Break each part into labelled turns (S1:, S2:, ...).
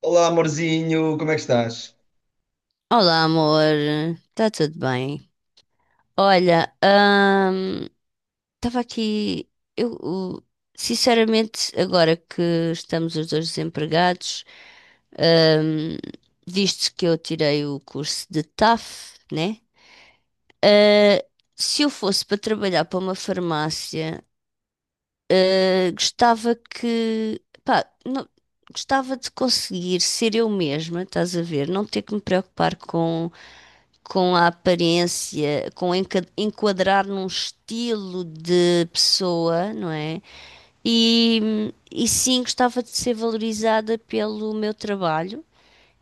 S1: Olá, amorzinho, como é que estás?
S2: Olá, amor. Está tudo bem? Olha, estava aqui. Eu, o- Sinceramente, agora que estamos os dois desempregados, ahm, visto que eu tirei o curso de TAF, né? Ah, se eu fosse para trabalhar para uma farmácia, gostava que, pá, gostava de conseguir ser eu mesma, estás a ver? Não ter que me preocupar com a aparência, com enquadrar num estilo de pessoa, não é? E sim, gostava de ser valorizada pelo meu trabalho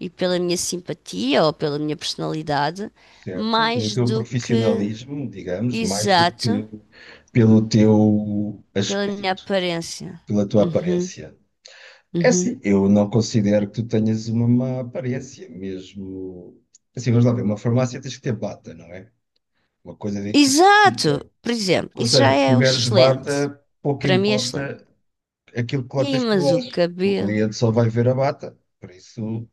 S2: e pela minha simpatia ou pela minha personalidade,
S1: Certo, pelo
S2: mais
S1: teu
S2: do que,
S1: profissionalismo, digamos, mais do
S2: exato,
S1: que pelo teu
S2: pela minha
S1: aspecto,
S2: aparência.
S1: pela tua
S2: Uhum,
S1: aparência. É
S2: uhum.
S1: assim, eu não considero que tu tenhas uma má aparência, mesmo. Assim, vamos lá ver, uma farmácia tens que ter bata, não é? Uma coisa de que
S2: Exato!
S1: fica.
S2: Por exemplo,
S1: Ou
S2: isso já
S1: seja, se
S2: é
S1: tiveres
S2: excelente.
S1: bata, pouco
S2: Para mim é excelente.
S1: importa aquilo que lá
S2: Sim,
S1: tens por
S2: mas o
S1: baixo. O
S2: cabelo.
S1: cliente só vai ver a bata, por isso.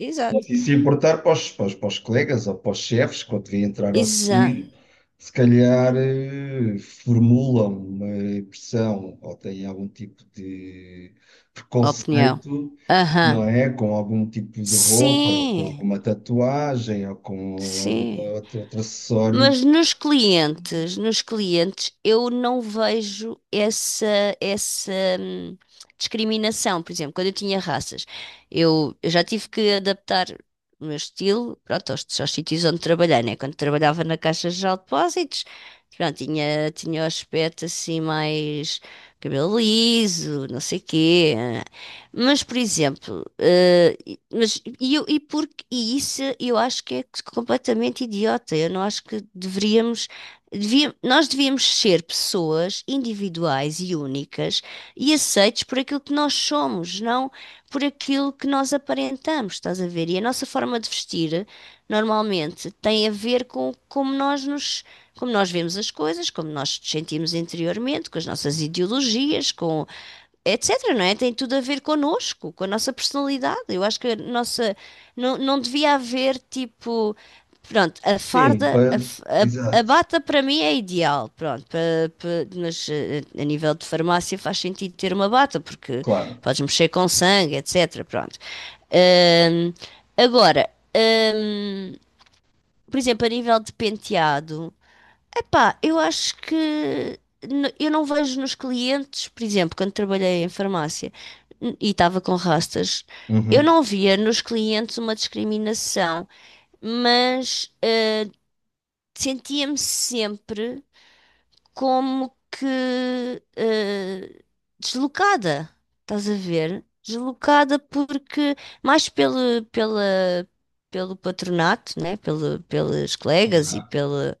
S2: Exato.
S1: E se importar para os colegas ou para os chefes, quando vêm entrar ao
S2: Exato.
S1: sair, se calhar formulam uma impressão ou têm algum tipo de
S2: Opinião.
S1: preconceito,
S2: Aham.
S1: não é? Com algum tipo de roupa, ou com
S2: Sim,
S1: alguma tatuagem, ou com algum
S2: sim.
S1: outro, outro acessório.
S2: Mas nos clientes, eu não vejo essa, essa hum, discriminação. Por exemplo, quando eu tinha raças, eu já tive que adaptar o meu estilo, pronto, aos sítios onde trabalhei, né? Quando trabalhava na Caixa Geral de Depósitos, pronto, tinha o aspecto assim mais cabelo liso, não sei quê. Mas, por exemplo, eh, Mas e, eu- e, porque, e isso eu acho que é completamente idiota. Eu não acho que deveríamos. Nós devíamos ser pessoas individuais e únicas e aceites por aquilo que nós somos, não por aquilo que nós aparentamos, estás a ver? E a nossa forma de vestir normalmente tem a ver com como nós vemos as coisas, como nós nos sentimos interiormente, com as nossas ideologias, com etc, não é? Tem tudo a ver connosco, com a nossa personalidade. Eu acho que a nossa. Não, não devia haver tipo. Pronto, a
S1: Sim,
S2: farda,
S1: para...
S2: a
S1: exato,
S2: bata para mim é ideal, pronto, pa- mas a nível de farmácia faz sentido ter uma bata, porque
S1: claro.
S2: podes mexer com sangue, etc, pronto. Ahm, Agora, ahm, por exemplo, a nível de penteado, epá, eu acho que eu não vejo nos clientes, por exemplo, quando trabalhei em farmácia e estava com rastas, eu
S1: Uhum.
S2: não via nos clientes uma discriminação, mas sentia-me sempre como que eh, deslocada, estás a ver? Deslocada porque mais pelo patronato, né? Pelos colegas e
S1: Ah,
S2: pela.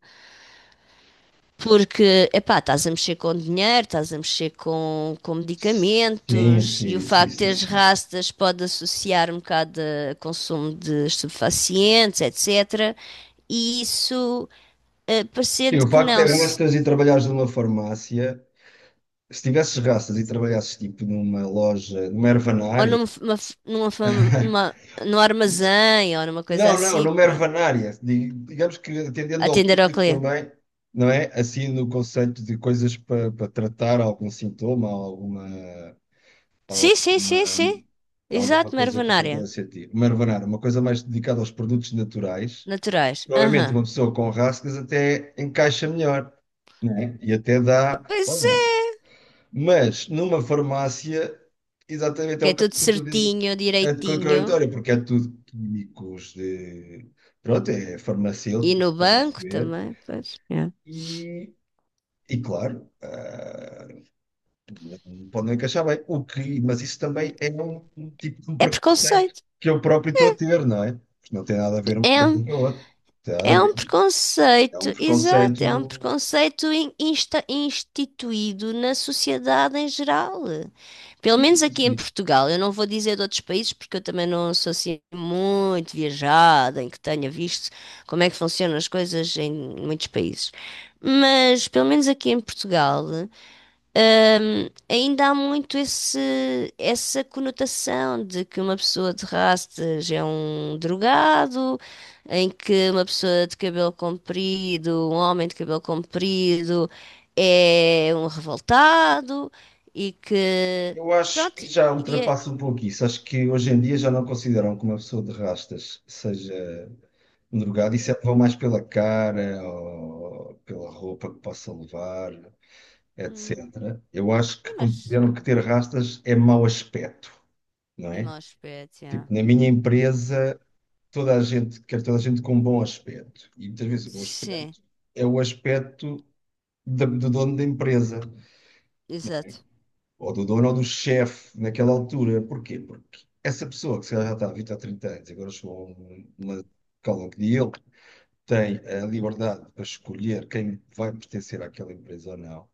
S2: Porque, epá, estás a mexer com dinheiro, estás a mexer com
S1: sim,
S2: medicamentos e
S1: sim,
S2: o
S1: sim,
S2: facto de
S1: sim,
S2: teres
S1: sim.
S2: rastas pode associar um bocado a consumo de estupefacientes, etc. E isso,
S1: Sim, o
S2: parecendo que
S1: facto de
S2: não, se,
S1: arrastas e trabalhares numa farmácia. Se tivesses raças e trabalhasses tipo numa loja, numa
S2: ou
S1: ervanária.
S2: numa, f- uma f- numa, fam- numa, num armazém ou numa coisa
S1: Não, não,
S2: assim,
S1: numa
S2: para
S1: ervanária. Digamos que atendendo ao
S2: atender ao
S1: público
S2: cliente.
S1: também, não é? Assim no conceito de coisas para tratar algum sintoma,
S2: Sim, sim, sim,
S1: uma-
S2: sim.
S1: alguma
S2: Exato,
S1: coisa que eu queira
S2: Mervenária.
S1: sentir. Uma ervanária, uma coisa mais dedicada aos produtos naturais.
S2: Naturais.
S1: Provavelmente
S2: Aham.
S1: uma pessoa com rascas até encaixa melhor, não é? E até dá.
S2: Pois
S1: Olha,
S2: é.
S1: mas numa farmácia, exatamente é
S2: Que
S1: um
S2: é tudo
S1: bocado
S2: certinho,
S1: é
S2: direitinho.
S1: contraditório, porque é tudo químicos de. Pronto, é
S2: E
S1: farmacêutico,
S2: no
S1: estás a
S2: banco
S1: perceber?
S2: também, pois. É.
S1: E, e claro, ah, não podem encaixar bem. O que, mas isso também é um tipo de um
S2: É
S1: preconceito
S2: preconceito.
S1: que eu próprio estou a ter, não é? Porque não tem nada a ver uma
S2: É
S1: coisa
S2: um,
S1: com a outra. Não tem nada a
S2: É um
S1: ver. É um
S2: preconceito, exato, é um
S1: preconceito.
S2: preconceito instituído na sociedade em geral. Pelo
S1: Sim,
S2: menos
S1: sim,
S2: aqui em
S1: sim.
S2: Portugal. Eu não vou dizer de outros países, porque eu também não sou assim muito viajada, em que tenha visto como é que funcionam as coisas em muitos países. Mas pelo menos aqui em Portugal, ainda há muito essa conotação de que uma pessoa de rastas é um drogado, em que uma pessoa de cabelo comprido, um homem de cabelo comprido, é um revoltado e que.
S1: Eu acho que
S2: Pronto,
S1: já
S2: e é.
S1: ultrapassa um pouco isso. Acho que hoje em dia já não consideram que uma pessoa de rastas seja um drogado e sempre vão mais pela cara ou pela roupa que possa levar,
S2: Hum,
S1: etc. Eu acho que
S2: e mas.
S1: consideram que ter rastas é mau aspecto, não
S2: É
S1: é?
S2: mau aspecto, yeah.
S1: Tipo, na minha empresa, toda a gente quer toda a gente com um bom aspecto. E muitas vezes o bom
S2: Sim,
S1: aspecto é o aspecto do dono da empresa,
S2: exato.
S1: ou do dono ou do chefe naquela altura. Porquê? Porque essa pessoa que se calhar já está há 20 ou 30 anos, e agora chegou a uma escala que ele tem a liberdade para escolher quem vai pertencer àquela empresa ou não.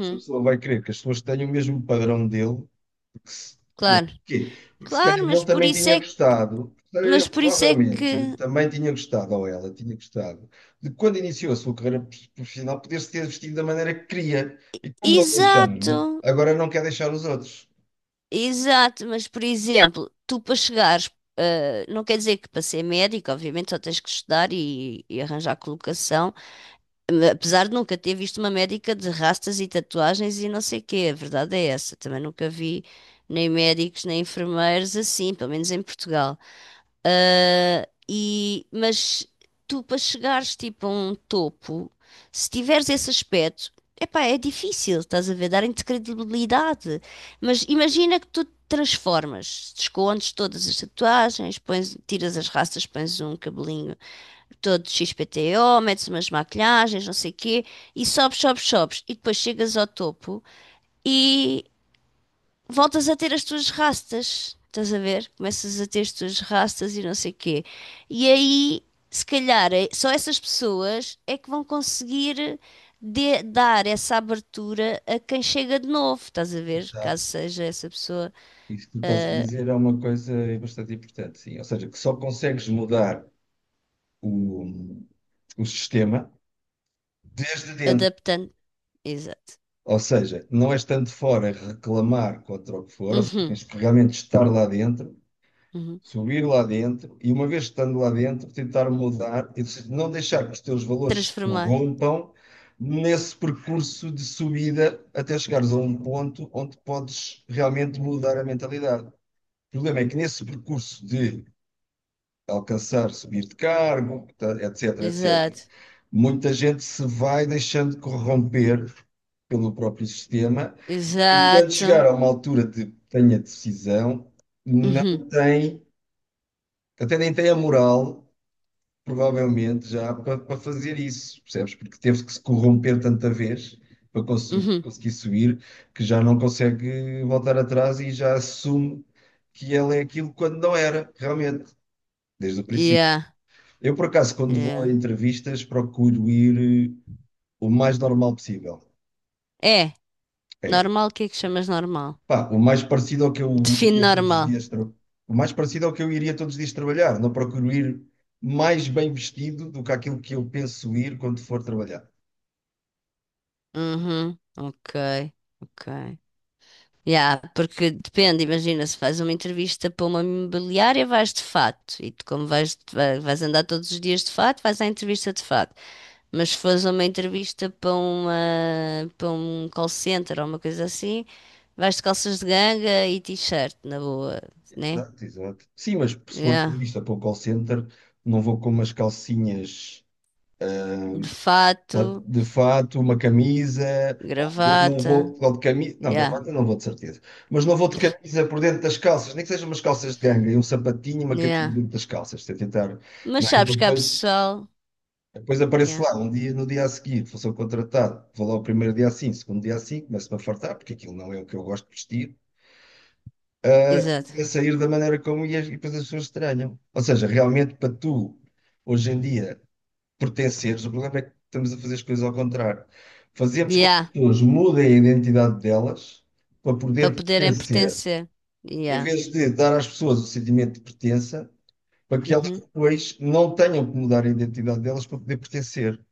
S1: Essa pessoa vai querer que as pessoas tenham o mesmo padrão dele, porque se, né?
S2: claro,
S1: Porquê? Porque se calhar
S2: claro,
S1: ele também tinha gostado, se calhar ele
S2: mas por isso é
S1: provavelmente
S2: que.
S1: também tinha gostado, ou ela tinha gostado, de quando iniciou a sua carreira profissional poder-se ter vestido da maneira que queria. E como não
S2: Exato!
S1: deixaram, agora não quer deixar os outros.
S2: Exato, mas por exemplo, tu para chegares, não quer dizer que para ser médico, obviamente só tens que estudar e arranjar colocação, apesar de nunca ter visto uma médica de rastas e tatuagens e não sei o quê, a verdade é essa, também nunca vi nem médicos nem enfermeiros assim, pelo menos em Portugal. Mas tu, para chegares tipo a um topo, se tiveres esse aspecto, epá, é difícil, estás a ver, darem-te credibilidade. Mas imagina que tu te transformas, descontes todas as tatuagens, pões, tiras as raças, pões um cabelinho todo XPTO, metes umas maquilhagens, não sei o quê, e sobes, sobes, sobes, e depois chegas ao topo voltas a ter as tuas rastas, estás a ver? Começas a ter as tuas rastas e não sei quê. E aí, se calhar, só essas pessoas é que vão conseguir dar essa abertura a quem chega de novo, estás a ver? Caso
S1: Exato.
S2: seja essa pessoa
S1: Isso que tu estás a
S2: ah,
S1: dizer é uma coisa bastante importante, sim. Ou seja, que só consegues mudar o, o sistema desde dentro.
S2: adaptando. Exato.
S1: Ou seja, não é estando fora a reclamar contra o que for, ou seja,
S2: Uhum,
S1: tens que realmente estar lá dentro,
S2: uhum.
S1: subir lá dentro e, uma vez estando lá dentro, tentar mudar e não deixar que os teus valores se
S2: Transformar.
S1: corrompam nesse percurso de subida até chegares a um ponto onde podes realmente mudar a mentalidade. O problema é que nesse percurso de alcançar, subir de cargo, etc, etc.
S2: Exato.
S1: Muita gente se vai deixando corromper pelo próprio sistema e quando
S2: Exato.
S1: chegar a uma altura de tenha decisão, não
S2: Uhum,
S1: tem, até nem tem a moral, provavelmente, já para fazer isso, percebes? Porque teve que se corromper tanta vez para
S2: uhum.
S1: conseguir subir que já não consegue voltar atrás e já assume que ela é aquilo quando não era, realmente, desde o princípio.
S2: Yeah,
S1: Eu, por acaso, quando vou a
S2: yeah.
S1: entrevistas, procuro ir o mais normal possível.
S2: É,
S1: É,
S2: normal, o que é que chamas normal?
S1: pá, o mais parecido ao que eu
S2: Define
S1: iria todos os
S2: normal.
S1: dias, o mais parecido ao que eu iria todos os dias trabalhar. Não procuro ir mais bem vestido do que aquilo que eu penso ir quando for trabalhar.
S2: Uhum, ok, ok. Yeah, porque depende, imagina, se faz uma entrevista para uma imobiliária, vais de fato. E tu, como vais, vais andar todos os dias de fato, vais à entrevista de fato. Mas se fores uma entrevista para uma, para um call center ou uma coisa assim, vais de calças de ganga e t-shirt, na boa, né?
S1: Exato, exato. Sim, mas se for
S2: Yeah.
S1: vista para o call center, não vou com umas calcinhas.
S2: De
S1: Tá.
S2: fato,
S1: De fato, uma camisa, ou não
S2: gravata,
S1: vou ou de camisa, não,
S2: yeah,
S1: gravata não vou de certeza, mas não vou de camisa por dentro das calças, nem que sejam umas calças de ganga, e um sapatinho e uma camisa por
S2: yeah.
S1: dentro das calças, se tentar,
S2: Mas
S1: não é? Para
S2: sabes que há
S1: depois,
S2: pessoal,
S1: depois apareço
S2: yeah,
S1: lá, um dia, no dia a seguir, vou ser contratado, vou lá o primeiro dia assim, segundo dia assim, começo-me a fartar, porque aquilo não é o que eu gosto de vestir,
S2: exato.
S1: a sair da maneira como ia, e depois as pessoas estranham. Ou seja, realmente para tu, hoje em dia pertenceres. O problema é que estamos a fazer as coisas ao contrário. Fazemos com que as
S2: Yeah.
S1: pessoas mudem a identidade delas para
S2: Para
S1: poder
S2: poderem
S1: pertencer,
S2: pertencer.
S1: em
S2: Yeah.
S1: vez de dar às pessoas o sentimento de pertença, para que elas
S2: Uhum.
S1: depois não tenham que mudar a identidade delas para poder pertencer.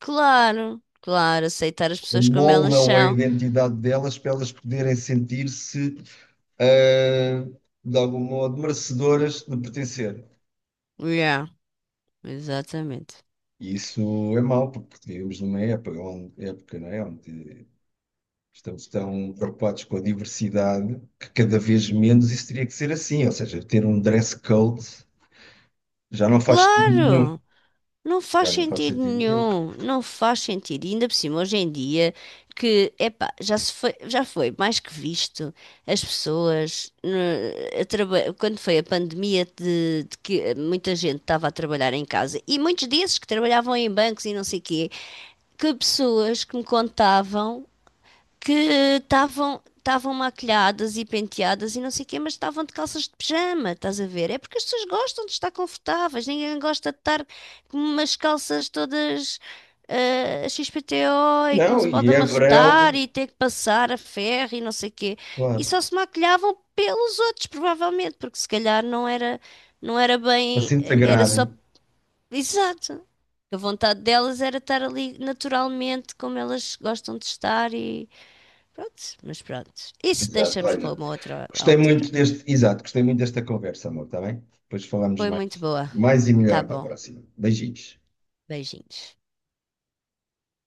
S2: Claro, claro, aceitar as pessoas como elas
S1: Moldam a
S2: são.
S1: identidade delas para elas poderem sentir-se, ah, de algum modo, merecedoras de pertencer.
S2: Yeah, exatamente.
S1: E isso é mau, porque vivemos numa época, época, não é? Onde estão preocupados com a diversidade, que cada vez menos isso teria que ser assim. Ou seja, ter um dress code já não faz sentido nenhum.
S2: Claro, não faz
S1: Já não faz
S2: sentido
S1: sentido nenhum.
S2: nenhum, não faz sentido. E ainda por cima, hoje em dia, que, epá, já se foi, já foi mais que visto as pessoas, quando foi a pandemia de que muita gente estava a trabalhar em casa, e muitos desses que trabalhavam em bancos e não sei o quê, que pessoas que me contavam que estavam maquilhadas e penteadas e não sei o quê, mas estavam de calças de pijama, estás a ver? É porque as pessoas gostam de estar confortáveis, ninguém gosta de estar com umas calças todas XPTO e que não
S1: Não,
S2: se pode
S1: e é
S2: amarrotar
S1: verão,
S2: e ter que passar a ferro e não sei o quê. E
S1: claro,
S2: só se maquilhavam pelos outros, provavelmente, porque se calhar não era, não era
S1: para
S2: bem,
S1: se
S2: era só,
S1: integrarem.
S2: exato. A vontade delas era estar ali naturalmente como elas gostam de estar e, prontos, mas prontos. Isso
S1: Exato,
S2: deixamos para
S1: olha.
S2: uma outra altura.
S1: Exato, gostei muito desta conversa, amor, está bem? Depois falamos
S2: Foi
S1: mais,
S2: muito boa.
S1: mais e
S2: Tá
S1: melhor para a
S2: bom.
S1: próxima. Beijinhos.
S2: Beijinhos.